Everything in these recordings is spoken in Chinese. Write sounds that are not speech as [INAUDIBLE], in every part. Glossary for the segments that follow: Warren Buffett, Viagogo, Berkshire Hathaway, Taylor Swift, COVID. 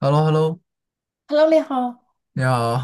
h e l l o h e l l o Hello，你好。你好，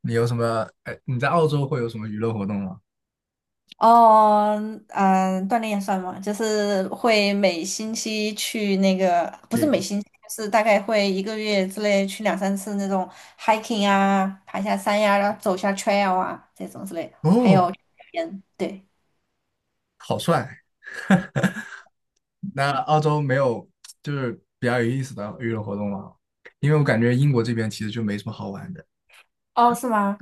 你有什么？哎，你在澳洲会有什么娱乐活动吗？哦，嗯，锻炼也算吗？就是会每星期去那个，不是每 m 星期，就是大概会一个月之内去两三次那种 hiking 啊，爬下山呀、然后走下 trail 啊这种之类的，还哦，有去海边，对。好帅！[LAUGHS] 那澳洲没有，就是比较有意思的娱乐活动吗？因为我感觉英国这边其实就没什么好玩的。哦，是吗？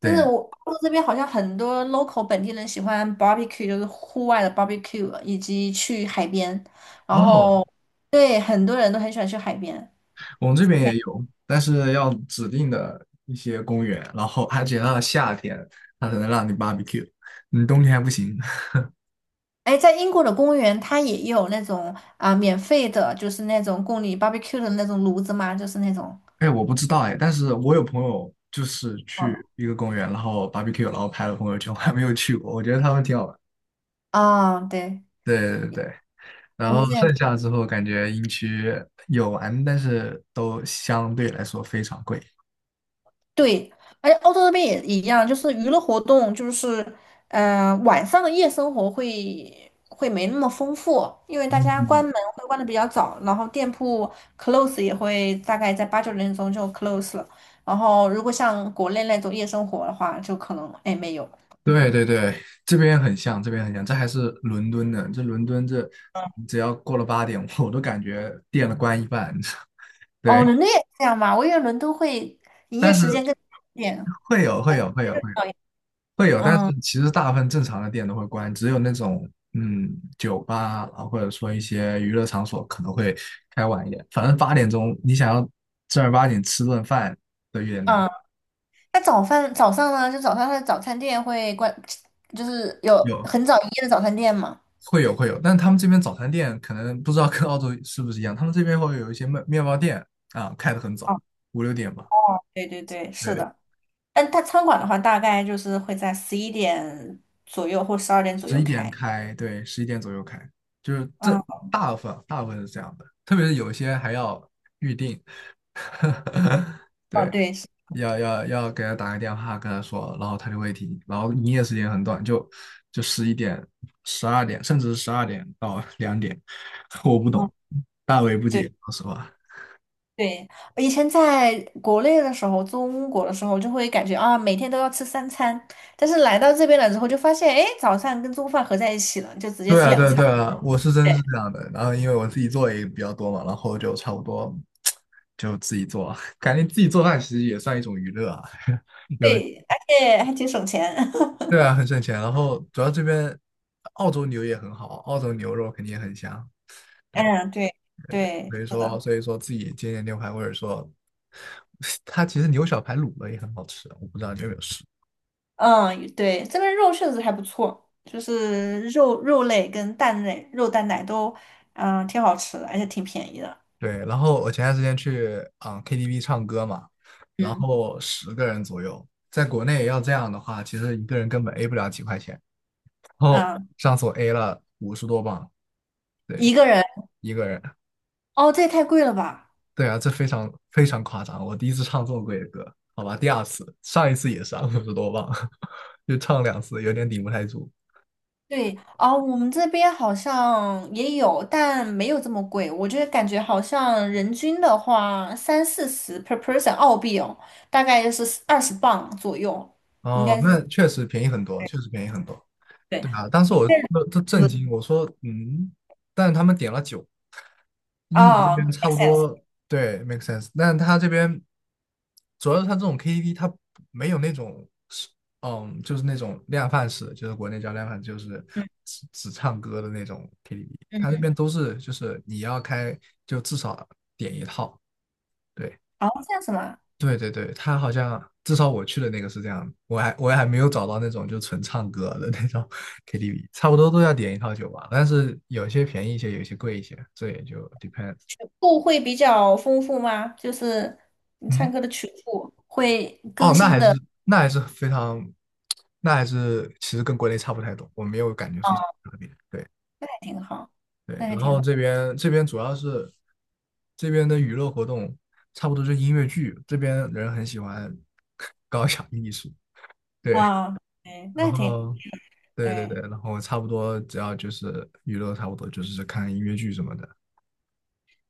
就是对，澳洲这边好像很多 local 本地人喜欢 barbecue，就是户外的 barbecue，以及去海边，然哦，后对，很多人都很喜欢去海边。我们这边也有，但是要指定的一些公园，然后而且到了夏天，它才能让你 barbecue,你冬天还不行。哎，在英国的公园，它也有那种啊、免费的，就是那种供你 barbecue 的那种炉子嘛，就是那种。哎，我不知道哎，但是我有朋友就是去嗯一个公园，然后 barbecue,然后拍了朋友圈，我还没有去过，我觉得他们挺好玩。啊、对，对，然我们之后前剩下之后感觉营区有玩，但是都相对来说非常贵。对，而且欧洲那边也一样，就是娱乐活动，就是晚上的夜生活会没那么丰富，因为大家关嗯，门会关的比较早，然后店铺 close 也会大概在八九点钟就 close 了，然后如果像国内那种夜生活的话，就可能哎没有。对，这边很像这还是伦敦的。这伦敦这，只要过了八点，[LAUGHS] 我都感觉店了关一半。[LAUGHS] 对，哦，伦敦也这样嘛？我以为伦敦会营业但时是间更长一点。会有会晚上有会会有。更早一点。会有，但是嗯其实大部分正常的店都会关，只有那种，酒吧啊，或者说一些娱乐场所可能会开晚一点。反正八点钟你想要正儿八经吃顿饭都有点难。嗯，那早饭早上呢？就早上它的早餐店会关，就是有有，很早营业的早餐店嘛？会有，但他们这边早餐店可能不知道跟澳洲是不是一样，他们这边会有一些面包店啊，开得很早，哦五六点吧，哦，对对对，是对，的。但它餐馆的话，大概就是会在11点左右或12点左十右一点开。开，对，十一点左右开，就是这，嗯，大部分是这样的，特别是有一些还要预定，[LAUGHS] 哦对。对，是，要给他打个电话跟他说，然后他就会停。然后营业时间很短，就就十一点、十二点，甚至是十二点到 [LAUGHS] 两点，[LAUGHS] 我不嗯，懂，大为不对。解，说实话。对，我以前在国内的时候，中国的时候，就会感觉啊，每天都要吃三餐，但是来到这边了之后，就发现，哎，早餐跟中饭合在一起了，就直接对吃啊，两对啊对餐。啊，我是真是这样的。然后因为我自己做也比较多嘛，然后就差不多就自己做，[LAUGHS] 感觉自己做饭其实也算一种娱乐啊。[LAUGHS] 有，对，而且还挺省钱。[LAUGHS] 对啊，很省钱。然后主要这边澳洲牛也很好，澳洲牛肉肯定也很香。对，嗯，对对对，对，所以说自己煎煎牛排，或者说 [LAUGHS] 它其实牛小排卤了也很好吃，我不知道你有没有试。嗯对，这边肉确实还不错，就是肉类跟蛋类、肉蛋奶都，嗯，挺好吃的，而且挺便宜的。对，然后我前段时间去啊、KTV 唱歌嘛，然嗯后十个人左右，在国内要这样的话，其实一个人根本 A 不了几块钱。然后嗯，上次我 A 了五十多磅，对，一个人。一个人。哦，这也太贵了吧？对啊，这非常非常夸张，我第一次唱这么贵的歌，好吧，第二次，上一次也是啊五十多磅，[LAUGHS] 就唱两次有点顶不太住。对啊，我们这边好像也有，但没有这么贵。我觉得感觉好像人均的话，三四十 per person 澳币哦，大概就是20磅左右，应哦，该是那确实便宜很多，确实便宜很多。对。对啊，当时我都震惊，我说嗯，但他们点了酒，英国这哦边差，make 不 s e n s。 多，对，make sense。但他这边主要是他这种 KTV,他没有那种是嗯，就是那种量贩式，就是国内叫量贩，就是嗯只唱歌的那种 KTV。他那嗯，边都是就是你要开，就至少点一套，对，哦，这样子嘛，对，他好像至少我去的那个是这样，我还没有找到那种就纯唱歌的那种 KTV,差不多都要点一套酒吧，但是有些便宜一些，有些贵一些，这也就 depends。曲库会比较丰富吗？就是你嗯，唱歌的曲库会哦，更那新还是，的，那还是非常，那还是其实跟国内差不太多，我没有感觉哦，说是特别。对那还挺好，对，那还然挺后好这边主要是这边的娱乐活动差不多就音乐剧，这边人很喜欢 [LAUGHS] 搞小艺术，对。啊，对，那然还挺后对，对。然后差不多只要就是娱乐，差不多就是看音乐剧什么的。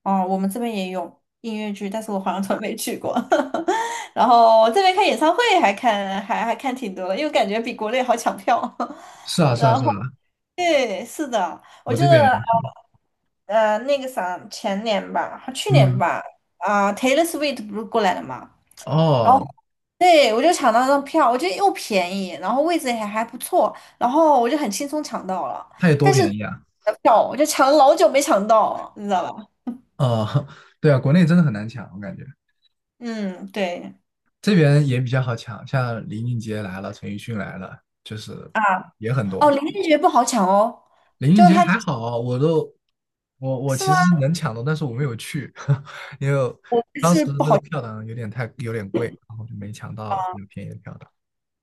哦，我们这边也有音乐剧，但是我好像从来没去过。[LAUGHS] 然后这边看演唱会还看还看挺多的，因为感觉比国内好抢票。是啊 [LAUGHS] 是啊然是后啊，对，是的，我我记这边得也是那个啥前年吧，去年嗯，吧，啊、Taylor Swift 不是过来了嘛，然后哦，对，我就抢到那张票，我觉得又便宜，然后位置也还不错，然后我就很轻松抢到了。它有多但便是宜啊？的票我就抢了老久没抢到，你知道吧？哦，[LAUGHS] 对啊，国内真的很难抢，我感觉嗯，对。这边也比较好抢，像林俊杰来了，陈奕迅来了，就是啊，也很哦，多。林俊杰不好抢哦，林俊就是杰他还好，我都我我是其吗？实是能抢到，但是我没有去，[LAUGHS] 因为我们当时是不那个好抢票呢有点贵，然后就没抢啊，到比较便宜的票。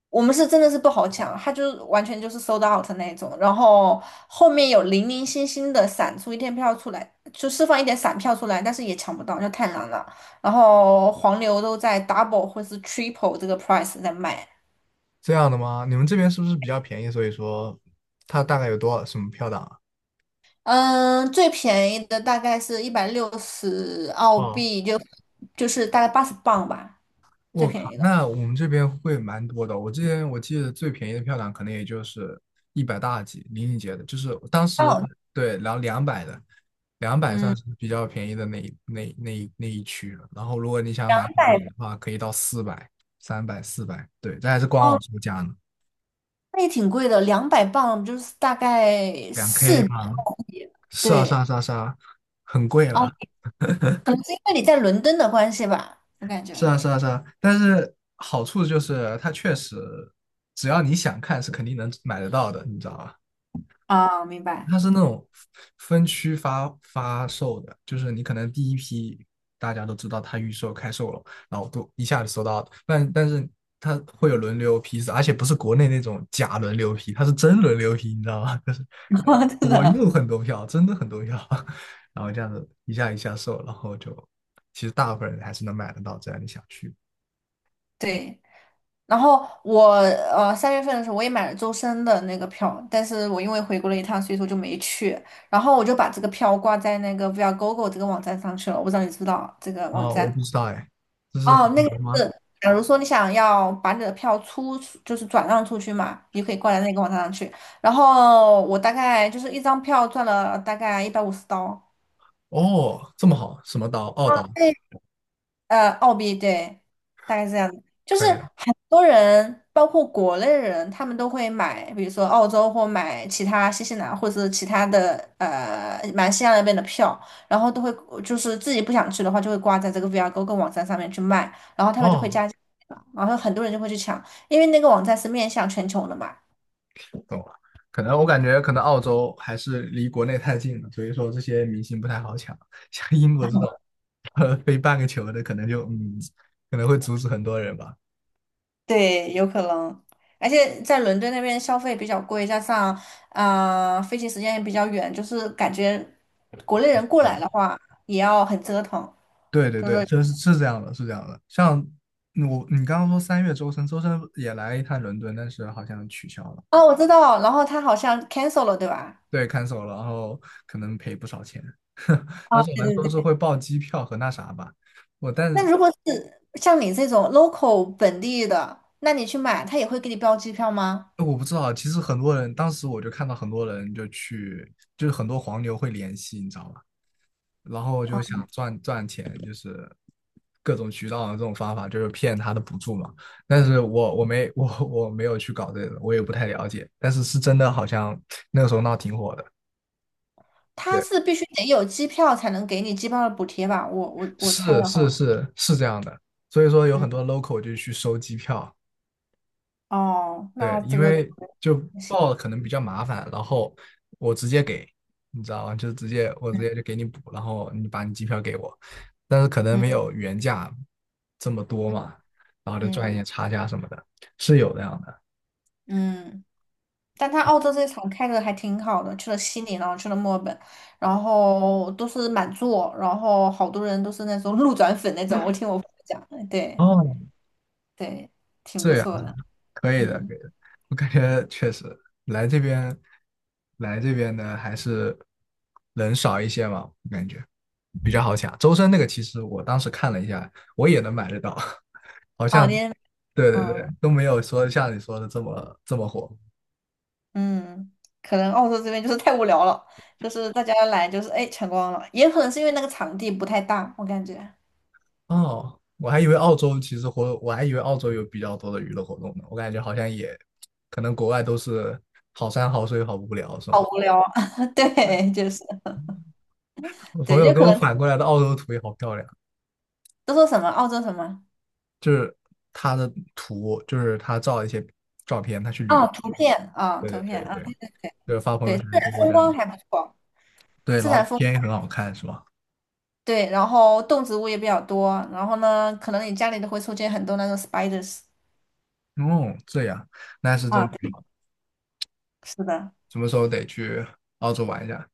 我们是真的是不好抢，他就是完全就是 sold out 那一种，然后后面有零零星星的散出一天票出来，就释放一点散票出来，但是也抢不到，就太难了。然后黄牛都在 double 或是 triple 这个 price 在卖。这样的吗？你们这边是不是比较便宜？所以说它大概有多少什么票档啊？嗯，最便宜的大概是一百六十澳哦，币，就是大概80磅吧，最我便靠，宜的。那我们这边会蛮多的。我之前我记得最便宜的票档可能也就是一百大几，林俊杰的，就是我当时哦，对，然后两百的，两百算嗯。是比较便宜的那一那那一那一区了。然后如果你想两买好百。一点的话，可以到四百、三百、四百，对，这还是官网哦售价呢，那也挺贵的，200磅就是大概两 四 K 百吗？澳币。是啊，是啊，对。是啊，是啊，很贵哦，了。可能是因为你在伦敦的关系吧，我感觉是啊但是好处就是它确实，只要你想看，是肯定能买得到的，你知道吧？啊，明白。它是那种分区发售的，就是你可能第一批大家都知道它预售开售了，然后都一下子收到，但但是它会有轮流批次，而且不是国内那种假轮流批，它是真轮流批，你知道吗？[LAUGHS] 就是 [LAUGHS] 真我的又很多票，真的很多票，[LAUGHS] 然后这样子一下一下售，然后就其实大部分人还是能买得到，只要你想去。对。然后我三月份的时候我也买了周深的那个票，但是我因为回国了一趟，所以说就没去。然后我就把这个票挂在那个 Viagogo 这个网站上去了，我不知道你知不知道这个网啊，我站。不知道哎，这是哦，红那个牛吗？是，假如说你想要把你的票出，就是转让出去嘛，你可以挂在那个网站上去。然后我大概就是一张票赚了大概150刀。哦，这么好，什么岛？澳岛澳币对，大概是这样的。就可是以的。很多人，包括国内人，他们都会买，比如说澳洲或买其他新西兰或者是其他的马来西亚那边的票，然后都会就是自己不想去的话，就会挂在这个 VRGo 跟网站上面去卖，然后他们就会哦，加价，然后很多人就会去抢，因为那个网站是面向全球的嘛。懂了。可能我感觉可能澳洲还是离国内太近了，所以说这些明星不太好抢。[LAUGHS] 像英国这种，[LAUGHS] 呃，飞半个球的，可能就嗯，可能会阻止很多人吧。对，有可能，而且在伦敦那边消费比较贵，加上啊、飞行时间也比较远，就是感觉国内人过啊，来的话也要很折腾。对对就对，是这是是这样的，是这样的。像嗯我，你刚刚说三月周深，周深也来一趟伦敦，但是好像取消了。哦，我知道，然后他好像 cancel 了，对吧？对，看守了，然后可能赔不少钱。[LAUGHS] 啊，当时我对们对说是对。会报机票和那啥吧，我但那是如果是像你这种 local 本地的，那你去买，他也会给你标机票吗？我不知道，其实很多人当时我就看到很多人就去，就是很多黄牛会联系，你知道吧？然后就想赚赚钱，就是各种渠道的这种方法，就是骗他的补助嘛。但是我没有去搞这个，我也不太了解。但是是真的，好像那个时候闹挺火的。他对，是必须得有机票才能给你机票的补贴吧？我猜是的是话，是是这样的，所以说有嗯，很多 local 就去收机票。哦，对，那这因个 为就 [LAUGHS] 不行，报可能比较麻烦，然后我直接给，你知道吗？就我直接就嗯给你补，然后你把你机票给我，但是可能没嗯有原价这么多嗯。嘛，然后就赚一嗯些差价什么的，是有这样的。嗯，但他澳洲这场开的还挺好的，去了悉尼，然后去了墨尔本，然后都是满座，然后好多人都是那种 [LAUGHS] 路转粉那种。我听我朋友讲，对哦，对，挺不这样错的。可以的，嗯，可以的。我感觉确实，来这边，来这边的还是人少一些嘛，我感觉比较好抢。周深那个其实我当时看了一下，我也能买得到。[LAUGHS] 好啊，像，你，对，嗯都没有说像你说的这么火嗯，可能澳洲这边就是太无聊了，就是大家来就是哎全光了，也可能是因为那个场地不太大，我感觉哦。我还以为澳洲其实活，我还以为澳洲有比较多的娱乐活动呢。我感觉好像也，可能国外都是好山好水好无聊，是吗？好无聊啊。[LAUGHS] 对，就是我朋对，友就给可我能反过来的澳洲图也好漂亮，都说什么澳洲什么就是他的图，就是他照了一些照片，他去旅游。哦，图片啊，对图对片对啊，对，就是发朋友对，自圈然通过风这样的，光还不错。对，然自后然风天也很好看，是吧？对，然后动植物也比较多，然后呢，可能你家里都会出现很多那种 spiders 哦，这样，那是啊，真对挺好，是的。什么时候得去澳洲玩一下？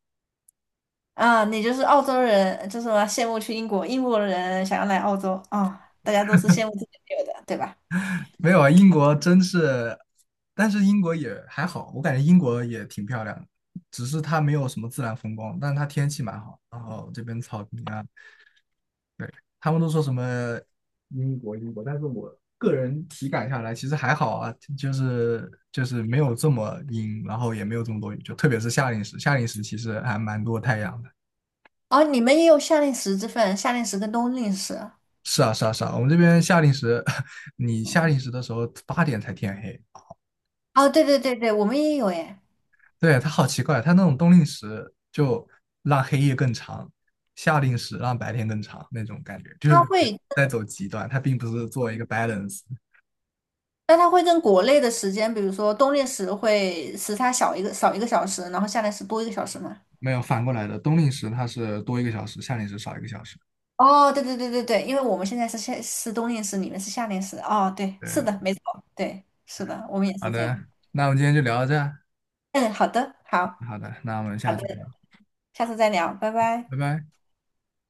啊，你就是澳洲人，就是说羡慕去英国，英国人想要来澳洲啊，大家都是羡慕自己没有的，对吧？没有啊，英国真是，但是英国也还好，我感觉英国也挺漂亮的，只是它没有什么自然风光，但是它天气蛮好，然后这边草坪啊，对，他们都说什么英国，但是我个人体感下来其实还好啊，就是没有这么阴，然后也没有这么多雨，就特别是夏令时，夏令时其实还蛮多太阳的。哦，你们也有夏令时之分，夏令时跟冬令时。是啊，我们这边夏令时，[LAUGHS] 你夏令时的时候八点才天黑，哦，对对对对，我们也有诶。对，它好奇怪，它那种冬令时就让黑夜更长，夏令时让白天更长那种感觉，就是它感觉会，在走极端，它并不是做一个 balance,但它会跟国内的时间，比如说冬令时会时差少一个小时，然后夏令时多一个小时嘛。没有反过来的。冬令时它是多一个小时，夏令时少一个小时。哦，对对对对对，因为我们现在是冬令时，你们是夏令时。哦，对，是对，的，没错，对，是的，我们也好是这的，样。那我们今天就聊到这儿，嗯，好的，好，好的，那我们好下的，次聊，下次再聊，拜拜。拜拜。